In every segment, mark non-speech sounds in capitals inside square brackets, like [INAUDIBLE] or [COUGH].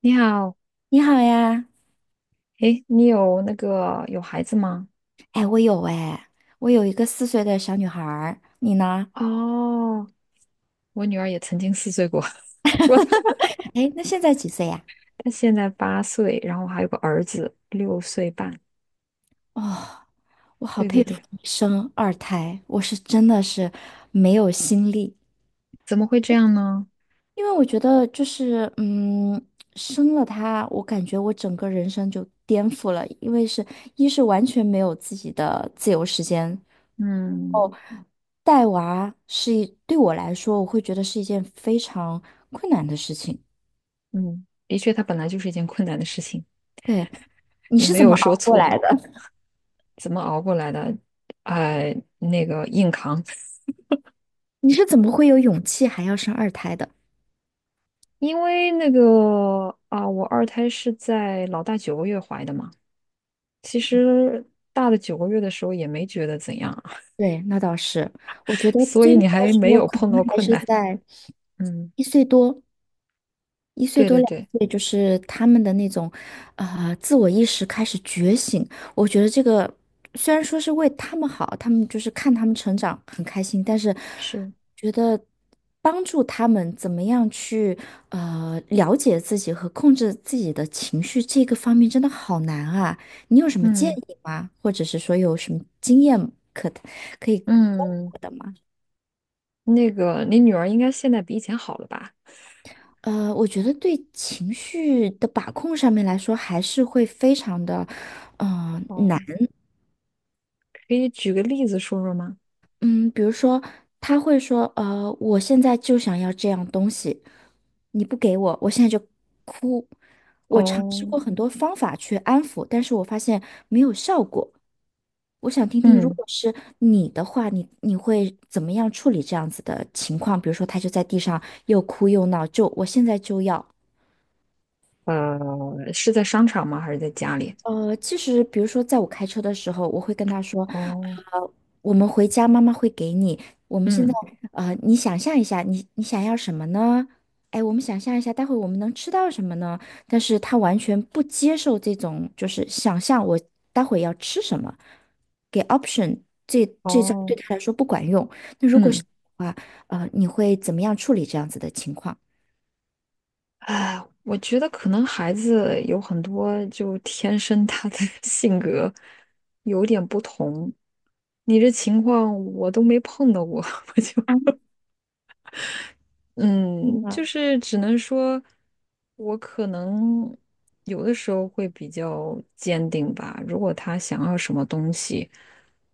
你好，你好呀。诶，你有孩子吗？哎，我有哎，我有一个四岁的小女孩儿，你呢？哦，我女儿也曾经四岁过。[LAUGHS] 我她 [LAUGHS] 哎，那现在几岁呀？她现在8岁，然后还有个儿子6岁半。哦，我好对对佩服对，你生二胎，我是真的是没有心力。怎么会这样呢？因为我觉得就是，生了她，我感觉我整个人生就颠覆了。因为是一是完全没有自己的自由时间，嗯带娃是一对我来说，我会觉得是一件非常困难的事情。嗯，的确，它本来就是一件困难的事情。对，你你是没怎有么说熬过错，来的？怎么熬过来的？哎、硬扛。[LAUGHS] 你是怎么会有勇气还要生二胎的？因为我二胎是在老大九个月怀的嘛。其实大的九个月的时候也没觉得怎样。对，那倒是。我觉得所最以那你个还时没候有可碰能到还困是难。在嗯，一岁多、一岁对多对两对，岁，就是他们的那种，自我意识开始觉醒。我觉得这个虽然说是为他们好，他们就是看他们成长很开心，但是是，帮助他们怎么样去了解自己和控制自己的情绪，这个方面真的好难啊！你有什么建嗯议吗？或者是说有什么经验可可以给嗯，我的吗？你女儿应该现在比以前好了吧？呃，我觉得对情绪的把控上面来说，还是会非常的，难。哦，可以举个例子说说吗？嗯，比如说他会说，我现在就想要这样东西，你不给我，我现在就哭。我尝试哦，过很多方法去安抚，但是我发现没有效果。我想听听，如嗯，果是你的话，你会怎么样处理这样子的情况？比如说，他就在地上又哭又闹，就我现在就要。是在商场吗？还是在家里？呃，其实比如说，在我开车的时候，我会跟他说，哦，呃，我们回家，妈妈会给你。我们现在，嗯，你想象一下，你想要什么呢？哎，我们想象一下，待会我们能吃到什么呢？但是他完全不接受这种，就是想象我待会要吃什么，给 option， 这这招对哦，他来说不管用。那如果是嗯，的话，呃，你会怎么样处理这样子的情况？哎，我觉得可能孩子有很多就天生他的 [LAUGHS] 性格有点不同。你这情况我都没碰到过。[LAUGHS] 我嗯，就是只能说，我可能有的时候会比较坚定吧。如果他想要什么东西，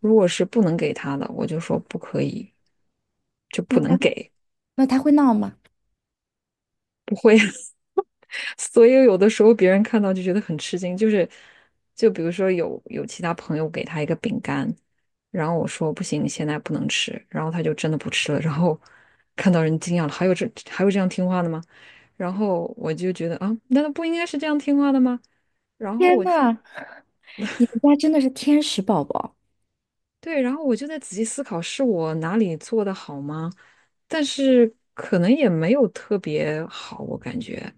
如果是不能给他的，我就说不可以，就不那能他给。那他会闹吗？[LAUGHS] 所以有的时候别人看到就觉得很吃惊，就是就比如说有其他朋友给他一个饼干，然后我说不行，你现在不能吃，然后他就真的不吃了，然后 [LAUGHS] 看到人惊讶了，还有这样听话的吗？然后我就觉得啊，难道不应该是这样听话的吗？然后天我就呐，你们家真的是天使宝宝。对，然后我就在仔细思考，是我哪里做的好吗？但是可能也没有特别好，我感觉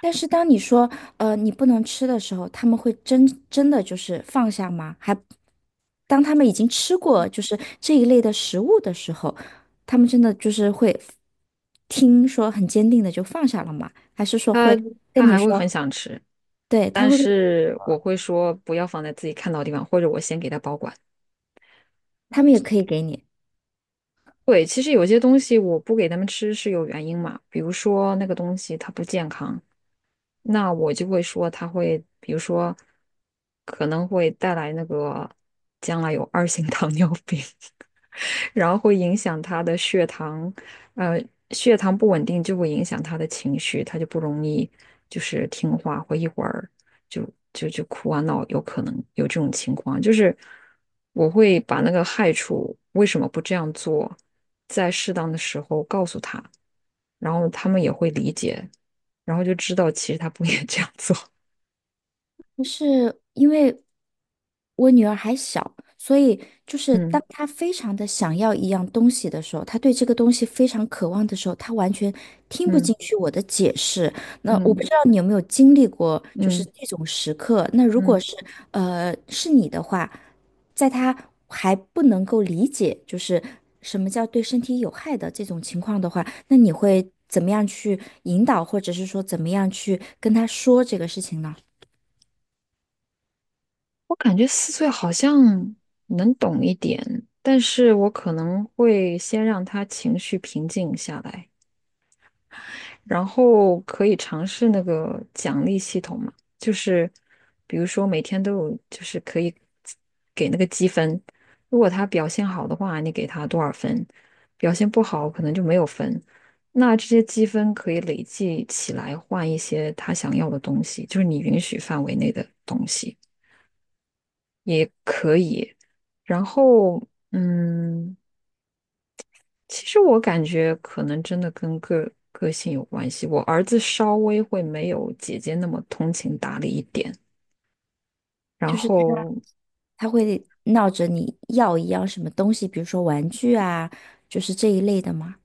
但是当你说你不能吃的时候，他们会真真的就是放下吗？还当他们已经吃过就是这一类的食物的时候，他们真的就是会听说很坚定的就放下了吗？还是说他会他跟你还会很说，想吃，对，他但会跟，是我会说不要放在自己看到的地方，或者我先给他保管。他们也可以给你。对，其实有些东西我不给他们吃是有原因嘛，比如说那个东西它不健康，那我就会说他会，比如说，可能会带来那个将来有2型糖尿病，[LAUGHS] 然后会影响他的血糖。呃，血糖不稳定就会影响他的情绪，他就不容易就是听话，会一会儿就就哭啊闹，有可能有这种情况。就是我会把那个害处为什么不这样做，在适当的时候告诉他。然后他们也会理解，然后就知道其实他不应该这样做。[LAUGHS] 就是因为我女儿还小，所以就是当嗯，她非常的想要一样东西的时候，她对这个东西非常渴望的时候，她完全听不嗯，进去我的解释。那我不嗯，知道你有没有经历过，就是嗯，这种时刻。那如果嗯，是是你的话，在她还不能够理解就是什么叫对身体有害的这种情况的话，那你会怎么样去引导，或者是说怎么样去跟她说这个事情呢？我感觉四岁好像能懂一点，但是我可能会先让他情绪平静下来。然后可以尝试那个奖励系统嘛，就是比如说每天都有，就是可以给那个积分，如果他表现好的话，你给他多少分；表现不好，可能就没有分。那这些积分可以累计起来换一些他想要的东西，就是你允许范围内的东西也可以。然后。其实我感觉可能真的跟个性有关系。我儿子稍微会没有姐姐那么通情达理一点，然就是后他会闹着你要一样什么东西，比如说玩具啊，就是这一类的嘛，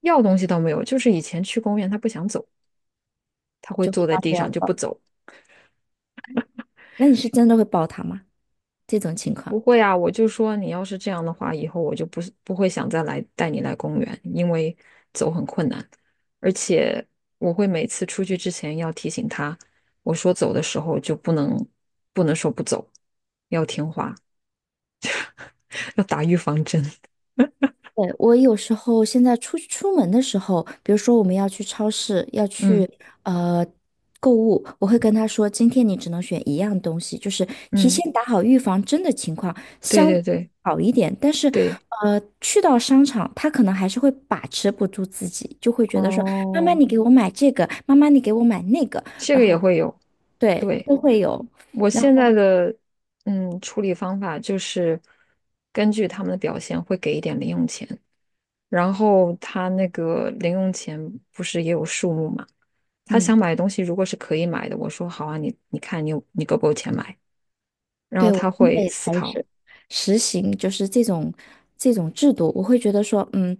要东西倒没有，就是以前去公园他不想走，他会就会坐在闹地着要上就不抱。走。那你是真的会抱他吗？这种情况。不会啊，我就说你要是这样的话，以后我就不会想再来带你来公园，因为走很困难，而且我会每次出去之前要提醒他，我说走的时候就不能说不走，要听话，要打预防针。对，我有时候现在出门的时候，比如说我们要去超市，要 [LAUGHS] 去嗯。呃购物，我会跟他说，今天你只能选一样东西，就是提嗯，前打好预防针的情况对相对对好一点。但是，对，呃，去到商场，他可能还是会把持不住自己，就会觉得说，妈妈哦，你给我买这个，妈妈你给我买那个，这然个也后会有。对，对，都会有。我然现在后，的处理方法就是根据他们的表现会给一点零用钱，然后他那个零用钱不是也有数目嘛？他嗯。想买的东西如果是可以买的，我说好啊，你看你够不够钱买？然后对，我他现在会也思开考，始实行，就是这种制度。我会觉得说，嗯，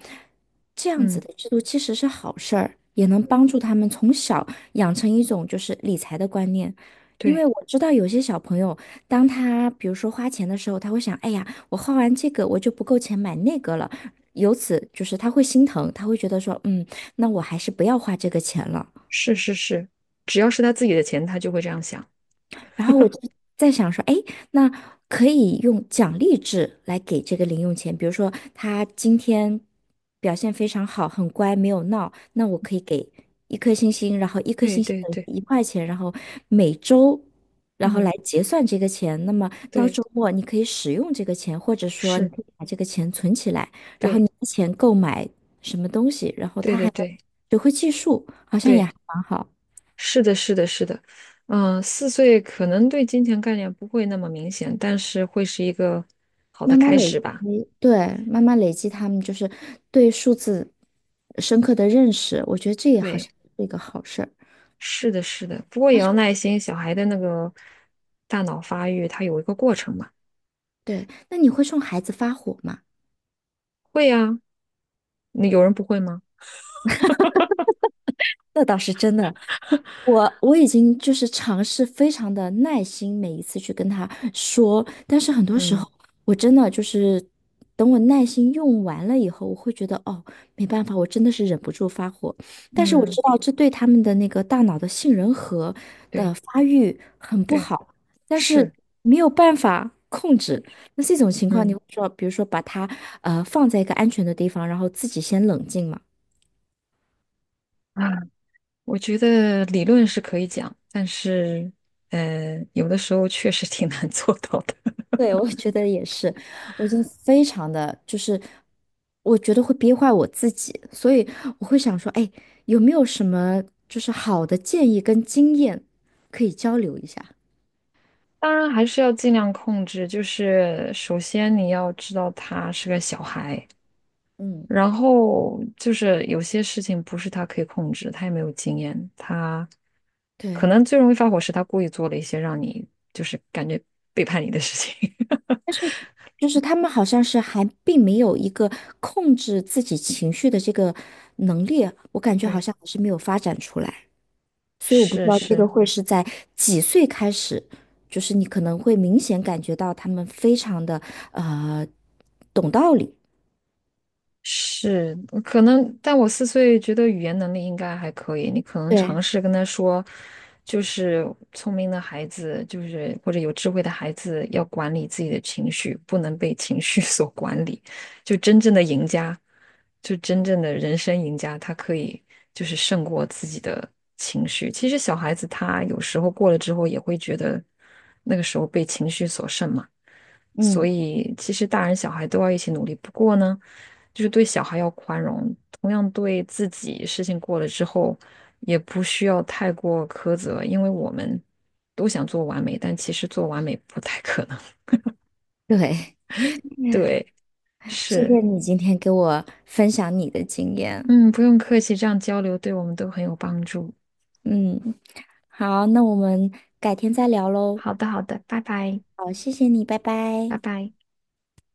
这样子嗯，的制度其实是好事儿，也能帮助他们从小养成一种就是理财的观念。因为对，我知道有些小朋友，当他比如说花钱的时候，他会想，哎呀，我花完这个我就不够钱买那个了，由此就是他会心疼，他会觉得说，嗯，那我还是不要花这个钱了。是是是，只要是他自己的钱，他就会这样想。然后我就在想说，哎，那可以用奖励制来给这个零用钱，比如说他今天表现非常好，很乖，没有闹，那我可以给一颗星星，然后一颗对星星对等对，于一块钱，然后每周。然后来嗯，结算这个钱，那么到对，周末你可以使用这个钱，或者说你是，可以把这个钱存起来，然后对你的钱购买什么东西，然后对他对还能对。学会计数，好像也对，还蛮好。是的，是的，是的，嗯，四岁可能对金钱概念不会那么明显，但是会是一个好的慢慢开累始吧。积，对，慢慢累积他们就是对数字深刻的认识，我觉得这也好像对，是一个好事儿。是的，是的，不过也但是要我耐心，小孩的那个大脑发育，它有一个过程嘛。对，那你会冲孩子发火吗？会呀，那有人不会吗？那倒是真的。我已经就是尝试非常的耐心，每一次去跟他说，但是很多时嗯候我真的就是等我耐心用完了以后，我会觉得哦，没办法，我真的是忍不住发火。但是我嗯，知道这对他们的那个大脑的杏仁核的对发育很不对，好，但是，是没有办法控制。那这种情况，你嗯会说，比如说把它放在一个安全的地方，然后自己先冷静嘛。啊，[CLEARS THROAT] 我觉得理论是可以讲，但是有的时候确实挺难做到的。对，我觉得也是。我现在非常的就是，我觉得会憋坏我自己，所以我会想说，哎，有没有什么就是好的建议跟经验可以交流一下？当然还是要尽量控制，就是首先你要知道他是个小孩，嗯，然后就是有些事情不是他可以控制，他也没有经验，他可对，能最容易发火是他故意做了一些让你就是感觉背叛你的事情。[LAUGHS] 但是就是他们好像是还并没有一个控制自己情绪的这个能力，我感觉好对，像还是没有发展出来。所以我不知是道这个是，会是在几岁开始，就是你可能会明显感觉到他们非常的呃懂道理。是，可能，但我四岁觉得语言能力应该还可以。你可能尝对，试跟他说，就是聪明的孩子，就是或者有智慧的孩子，要管理自己的情绪，不能被情绪 [LAUGHS] 所管理。就真正的赢家，就真正的人生赢家，他可以就是胜过自己的情绪。其实小孩子他有时候过了之后，也会觉得那个时候被情绪所胜嘛。所嗯，以其实大人小孩都要一起努力。不过呢，就是对小孩要宽容，同样对自己事情过了之后，也不需要太过苛责，因为我们都想做完美，但其实做完美不太可能。对，[LAUGHS] 对，[LAUGHS] 谢谢是，你今天给我分享你的经验。嗯，不用客气，这样交流对我们都很有帮助。嗯，好，那我们改天再聊喽。好的，好的，拜拜，好，谢谢你，拜拜。拜拜。